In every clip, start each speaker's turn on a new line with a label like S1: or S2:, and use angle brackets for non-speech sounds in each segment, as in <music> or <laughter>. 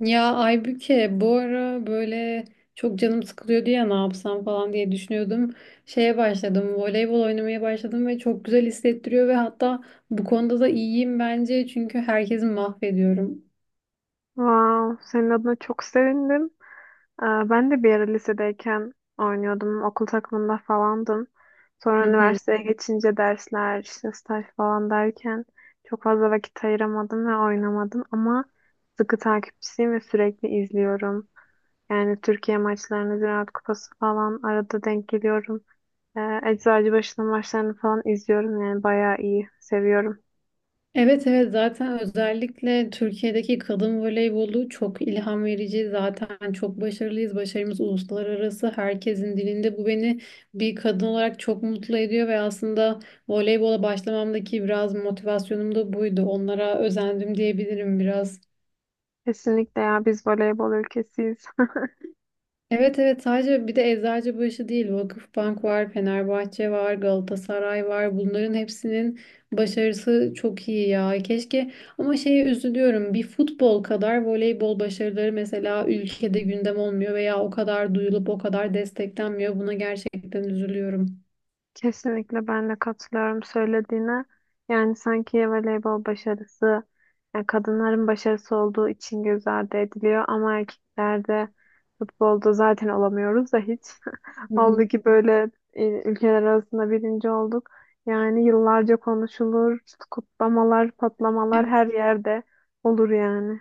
S1: Ya Aybüke bu ara böyle çok canım sıkılıyor diye ne yapsam falan diye düşünüyordum. Şeye başladım, voleybol oynamaya başladım ve çok güzel hissettiriyor ve hatta bu konuda da iyiyim bence çünkü herkesi mahvediyorum.
S2: Wow, senin adına çok sevindim. Ben de bir ara lisedeyken oynuyordum. Okul takımında falandım. Sonra
S1: <laughs>
S2: üniversiteye geçince dersler, işte staj falan derken çok fazla vakit ayıramadım ve oynamadım. Ama sıkı takipçisiyim ve sürekli izliyorum. Yani Türkiye maçlarını, Ziraat Kupası falan arada denk geliyorum. Eczacıbaşı'nın maçlarını falan izliyorum. Yani bayağı iyi, seviyorum.
S1: Evet evet, zaten özellikle Türkiye'deki kadın voleybolu çok ilham verici. Zaten çok başarılıyız. Başarımız uluslararası herkesin dilinde. Bu beni bir kadın olarak çok mutlu ediyor ve aslında voleybola başlamamdaki biraz motivasyonum da buydu. Onlara özendim diyebilirim biraz.
S2: Kesinlikle ya biz voleybol ülkesiyiz. <laughs>
S1: Evet evet, sadece bir de Eczacıbaşı değil, Vakıfbank var, Fenerbahçe var, Galatasaray var. Bunların hepsinin başarısı çok iyi ya. Keşke, ama şeye üzülüyorum. Bir futbol kadar voleybol başarıları mesela ülkede gündem olmuyor veya o kadar duyulup o kadar desteklenmiyor. Buna gerçekten üzülüyorum.
S2: Kesinlikle ben de katılıyorum söylediğine. Yani sanki voleybol başarısı yani kadınların başarısı olduğu için göz ardı ediliyor ama erkeklerde futbolda zaten olamıyoruz da hiç. <laughs>
S1: Hı hı.
S2: Oldu ki böyle ülkeler arasında birinci olduk. Yani yıllarca konuşulur, kutlamalar, patlamalar
S1: Evet.
S2: her yerde olur yani.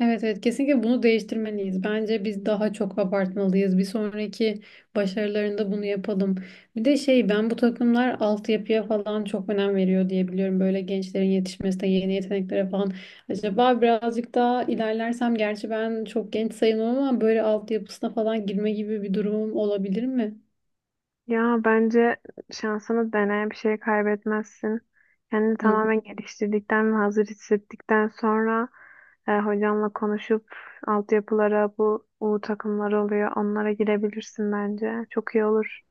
S1: Evet evet, kesinlikle bunu değiştirmeliyiz. Bence biz daha çok abartmalıyız. Bir sonraki başarılarında bunu yapalım. Bir de şey, ben bu takımlar altyapıya falan çok önem veriyor diye biliyorum. Böyle gençlerin yetişmesine, yeni yeteneklere falan. Acaba birazcık daha ilerlersem, gerçi ben çok genç sayılmam, ama böyle altyapısına falan girme gibi bir durumum olabilir mi?
S2: Ya bence şansını dene, bir şey kaybetmezsin. Kendini tamamen geliştirdikten ve hazır hissettikten sonra hocamla konuşup altyapılara bu U takımları oluyor. Onlara girebilirsin bence. Çok iyi olur.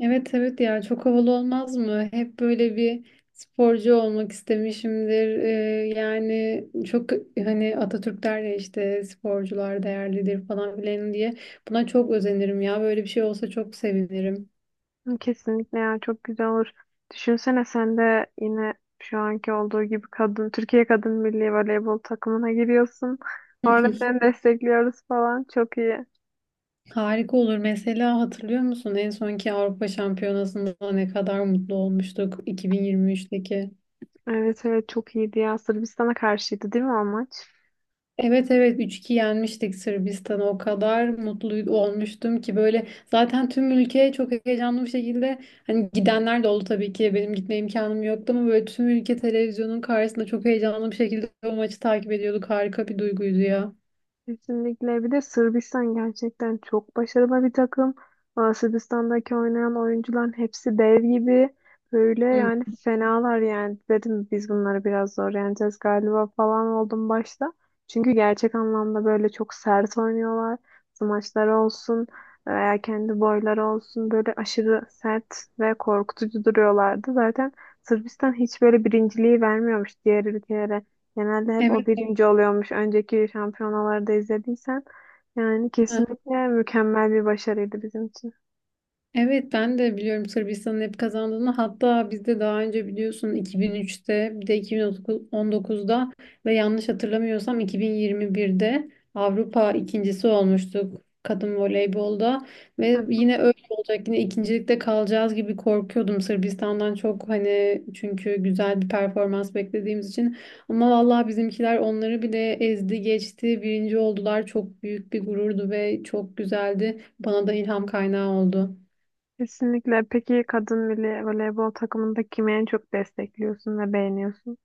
S1: Evet evet, ya çok havalı olmaz mı? Hep böyle bir sporcu olmak istemişimdir. Yani çok hani Atatürk der ya, işte sporcular değerlidir falan filan diye. Buna çok özenirim ya. Böyle bir şey olsa çok sevinirim.
S2: Kesinlikle ya çok güzel olur. Düşünsene sen de yine şu anki olduğu gibi kadın Türkiye Kadın Milli Voleybol takımına giriyorsun. Orada
S1: <laughs>
S2: seni destekliyoruz falan. Çok iyi.
S1: Harika olur. Mesela hatırlıyor musun en sonki Avrupa Şampiyonası'nda ne kadar mutlu olmuştuk 2023'teki?
S2: Evet evet çok iyiydi ya. Sırbistan'a karşıydı değil mi o maç?
S1: Evet evet, 3-2 yenmiştik Sırbistan'ı, o kadar mutlu olmuştum ki, böyle zaten tüm ülke çok heyecanlı bir şekilde, hani gidenler de oldu tabii ki, benim gitme imkanım yoktu, ama böyle tüm ülke televizyonun karşısında çok heyecanlı bir şekilde o maçı takip ediyorduk. Harika bir duyguydu ya.
S2: Kesinlikle. Bir de Sırbistan gerçekten çok başarılı bir takım. Aa, Sırbistan'daki oynayan oyuncuların hepsi dev gibi. Böyle
S1: Hı.
S2: yani fenalar yani. Dedim biz bunları biraz zor yeneceğiz galiba falan oldum başta. Çünkü gerçek anlamda böyle çok sert oynuyorlar. Smaçlar olsun veya kendi boyları olsun böyle aşırı sert ve korkutucu duruyorlardı. Zaten Sırbistan hiç böyle birinciliği vermiyormuş diğer ülkelere. Genelde hep o
S1: Evet.
S2: birinci oluyormuş. Önceki şampiyonalarda izlediysen yani
S1: Evet.
S2: kesinlikle mükemmel bir başarıydı bizim için.
S1: Evet, ben de biliyorum Sırbistan'ın hep kazandığını. Hatta biz de daha önce biliyorsun, 2003'te, bir de 2019'da ve yanlış hatırlamıyorsam 2021'de Avrupa ikincisi olmuştuk kadın voleybolda
S2: Hı
S1: ve
S2: hı.
S1: yine öyle olacak, yine ikincilikte kalacağız gibi korkuyordum Sırbistan'dan çok, hani çünkü güzel bir performans beklediğimiz için. Ama vallahi bizimkiler onları bile ezdi geçti, birinci oldular. Çok büyük bir gururdu ve çok güzeldi, bana da ilham kaynağı oldu.
S2: Kesinlikle. Peki kadın milli voleybol takımında kimi en çok destekliyorsun ve beğeniyorsun?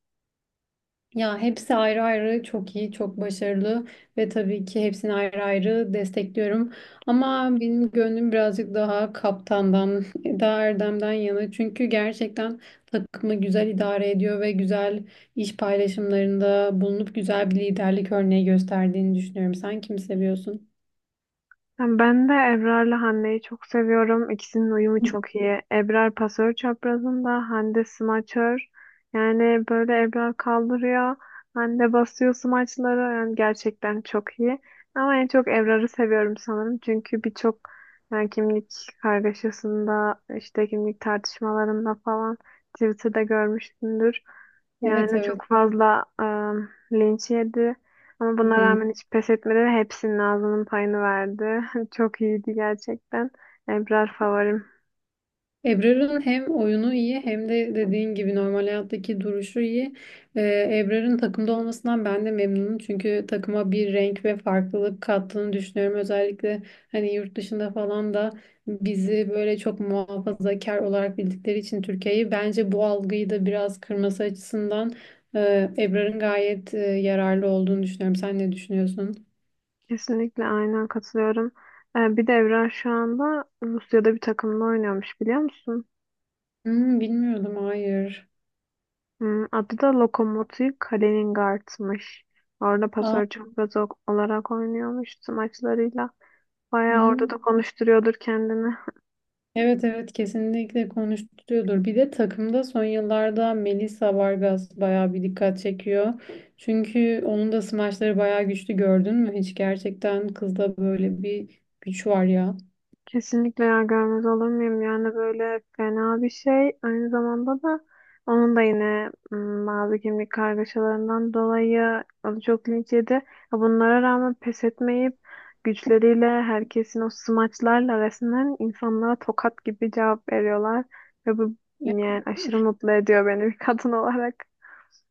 S1: Ya hepsi ayrı ayrı çok iyi, çok başarılı ve tabii ki hepsini ayrı ayrı destekliyorum. Ama benim gönlüm birazcık daha kaptandan, <laughs> daha Erdem'den yana. Çünkü gerçekten takımı güzel idare ediyor ve güzel iş paylaşımlarında bulunup güzel bir liderlik örneği gösterdiğini düşünüyorum. Sen kimi seviyorsun?
S2: Yani Ben de Ebrar'la Hande'yi çok seviyorum. İkisinin uyumu çok iyi. Ebrar pasör çaprazında, Hande smaçör. Yani böyle Ebrar kaldırıyor, Hande basıyor smaçları. Yani gerçekten çok iyi. Ama en çok Ebrar'ı seviyorum sanırım. Çünkü birçok yani kimlik kargaşasında, işte kimlik tartışmalarında falan Twitter'da görmüşsündür.
S1: Evet
S2: Yani
S1: evet.
S2: çok fazla linç yedi. Ama
S1: Hı
S2: buna
S1: hı.
S2: rağmen hiç pes etmedi ve hepsinin ağzının payını verdi. <laughs> Çok iyiydi gerçekten. Ebrar favorim.
S1: Ebrar'ın hem oyunu iyi, hem de dediğin gibi normal hayattaki duruşu iyi. Ebrar'ın takımda olmasından ben de memnunum. Çünkü takıma bir renk ve farklılık kattığını düşünüyorum. Özellikle hani yurt dışında falan da bizi böyle çok muhafazakar olarak bildikleri için, Türkiye'yi, bence bu algıyı da biraz kırması açısından Ebrar'ın gayet yararlı olduğunu düşünüyorum. Sen ne düşünüyorsun?
S2: Kesinlikle aynen katılıyorum. Bir de Ebrar şu anda Rusya'da bir takımla oynuyormuş biliyor musun?
S1: Hmm, bilmiyordum, hayır.
S2: Adı da Lokomotiv Kaliningrad'mış. Orada
S1: Aa,
S2: pasör çok olarak oynuyormuş tüm maçlarıyla. Bayağı
S1: hmm.
S2: orada da konuşturuyordur kendini.
S1: Evet evet, kesinlikle konuşturuyordur. Bir de takımda son yıllarda Melissa Vargas bayağı bir dikkat çekiyor. Çünkü onun da smaçları bayağı güçlü, gördün mü? Hiç, gerçekten kızda böyle bir güç var ya.
S2: Kesinlikle ya görmez olur muyum? Yani böyle fena bir şey. Aynı zamanda da onun da yine bazı kimlik kargaşalarından dolayı o da çok linç yedi. Ya Bunlara rağmen pes etmeyip güçleriyle herkesin o smaçlarla resmen insanlara tokat gibi cevap veriyorlar. Ve bu yani aşırı mutlu ediyor beni bir kadın olarak.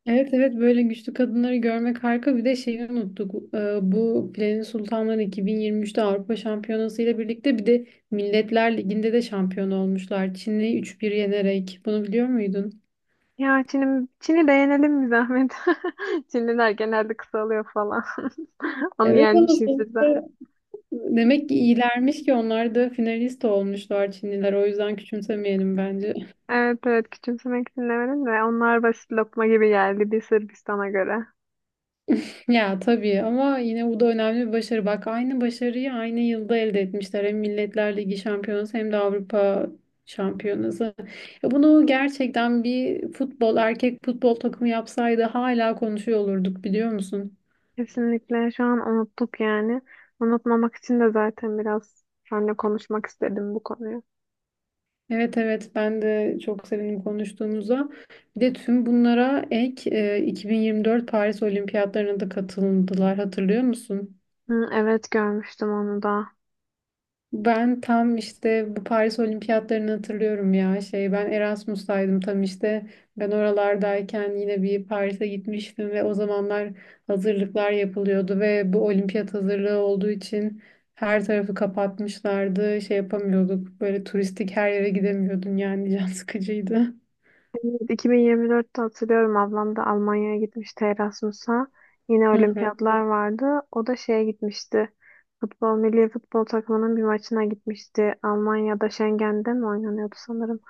S1: Evet evet, böyle güçlü kadınları görmek harika. Bir de şeyi unuttuk. Bu Planin Sultanları 2023'te Avrupa Şampiyonası ile birlikte bir de Milletler Ligi'nde de şampiyon olmuşlar. Çin'i 3-1 yenerek. Bunu biliyor muydun?
S2: Ya Çin'i de yenelim bir zahmet. <laughs> Çinliler genelde kısalıyor falan. <laughs> Onu
S1: Evet, ama
S2: yenmişizdir.
S1: sonuçta demek ki iyilermiş ki onlar da finalist olmuşlar, Çinliler. O yüzden küçümsemeyelim bence. <laughs>
S2: Evet evet küçümsemek dinlemedim de onlar basit lokma gibi geldi bir Sırbistan'a göre.
S1: Ya tabii, ama yine bu da önemli bir başarı. Bak, aynı başarıyı aynı yılda elde etmişler. Hem Milletler Ligi şampiyonası hem de Avrupa şampiyonası. Ya bunu gerçekten bir futbol, erkek futbol takımı yapsaydı hala konuşuyor olurduk, biliyor musun?
S2: Kesinlikle şu an unuttuk yani. Unutmamak için de zaten biraz seninle konuşmak istedim bu konuyu.
S1: Evet evet, ben de çok sevindim konuştuğumuza. Bir de tüm bunlara ek 2024 Paris Olimpiyatlarına da katıldılar, hatırlıyor musun?
S2: Hı, evet görmüştüm onu da.
S1: Ben tam işte bu Paris Olimpiyatlarını hatırlıyorum ya, şey, ben Erasmus'taydım tam işte, ben oralardayken yine bir Paris'e gitmiştim ve o zamanlar hazırlıklar yapılıyordu ve bu olimpiyat hazırlığı olduğu için her tarafı kapatmışlardı, şey yapamıyorduk, böyle turistik her yere gidemiyordun, yani can <laughs> sıkıcıydı.
S2: Evet, 2024'te hatırlıyorum ablam da Almanya'ya gitmişti Erasmus'a. Yine
S1: Hı hı.
S2: olimpiyatlar vardı. O da şeye gitmişti. Futbol, milli futbol takımının bir maçına gitmişti. Almanya'da Schengen'de mi oynanıyordu sanırım.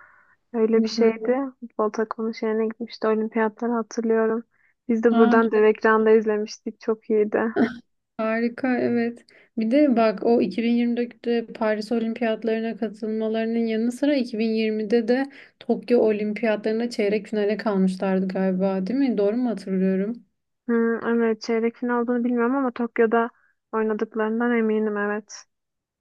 S1: Hı
S2: Öyle bir
S1: hı.
S2: şeydi. Futbol takımının şeyine gitmişti. Olimpiyatları hatırlıyorum. Biz de
S1: Aa,
S2: buradan dev
S1: çok
S2: ekranda izlemiştik. Çok iyiydi.
S1: <laughs> harika, evet. Bir de bak, o 2024'te Paris Olimpiyatlarına katılmalarının yanı sıra 2020'de de Tokyo Olimpiyatlarına çeyrek finale kalmışlardı galiba, değil mi? Doğru mu hatırlıyorum?
S2: Evet çeyrek final olduğunu bilmiyorum ama Tokyo'da oynadıklarından eminim evet.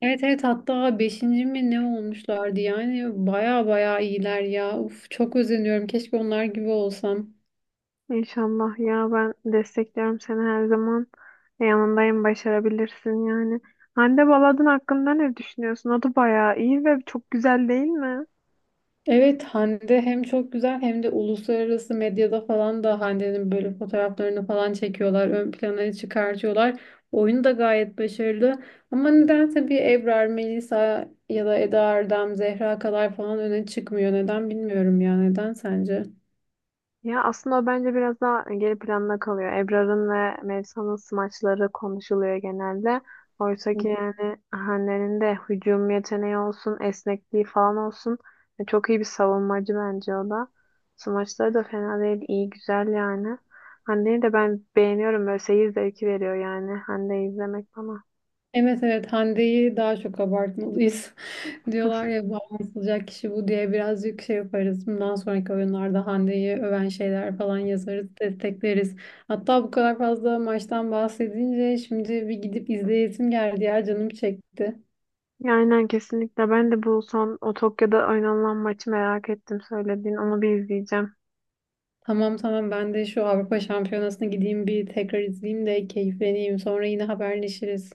S1: Evet evet, hatta beşinci mi ne olmuşlardı, yani baya baya iyiler ya. Uf, çok özeniyorum, keşke onlar gibi olsam.
S2: İnşallah ya ben destekliyorum seni her zaman. Yanındayım başarabilirsin yani. Hande Baladın hakkında ne düşünüyorsun? O da bayağı iyi ve çok güzel değil mi?
S1: Evet, Hande hem çok güzel hem de uluslararası medyada falan da Hande'nin böyle fotoğraflarını falan çekiyorlar. Ön plana çıkartıyorlar. Oyunu da gayet başarılı. Ama nedense bir Ebrar, Melisa ya da Eda Erdem, Zehra kadar falan öne çıkmıyor. Neden bilmiyorum ya. Neden sence?
S2: Ya aslında o bence biraz daha geri planda kalıyor. Ebrar'ın ve Melisa'nın smaçları konuşuluyor genelde. Oysa ki yani Hande'nin de hücum yeteneği olsun, esnekliği falan olsun. Çok iyi bir savunmacı bence o da. Smaçları da fena değil, iyi güzel yani. Hande'yi de ben beğeniyorum. Böyle seyir zevki veriyor yani Hande'yi izlemek bana.
S1: Evet evet, Hande'yi daha çok abartmalıyız. Diyorlar ya, bağlanılacak kişi bu diye birazcık şey yaparız. Bundan sonraki oyunlarda Hande'yi öven şeyler falan yazarız, destekleriz. Hatta bu kadar fazla maçtan bahsedince şimdi bir gidip izleyesim geldi ya, canım çekti.
S2: Ya Aynen kesinlikle. Ben de bu son o Tokyo'da oynanılan maçı merak ettim söylediğin. Onu bir izleyeceğim.
S1: Tamam tamam, ben de şu Avrupa Şampiyonası'na gideyim bir tekrar izleyeyim de keyifleneyim. Sonra yine haberleşiriz.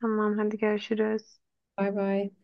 S2: Tamam hadi görüşürüz.
S1: Bay bay.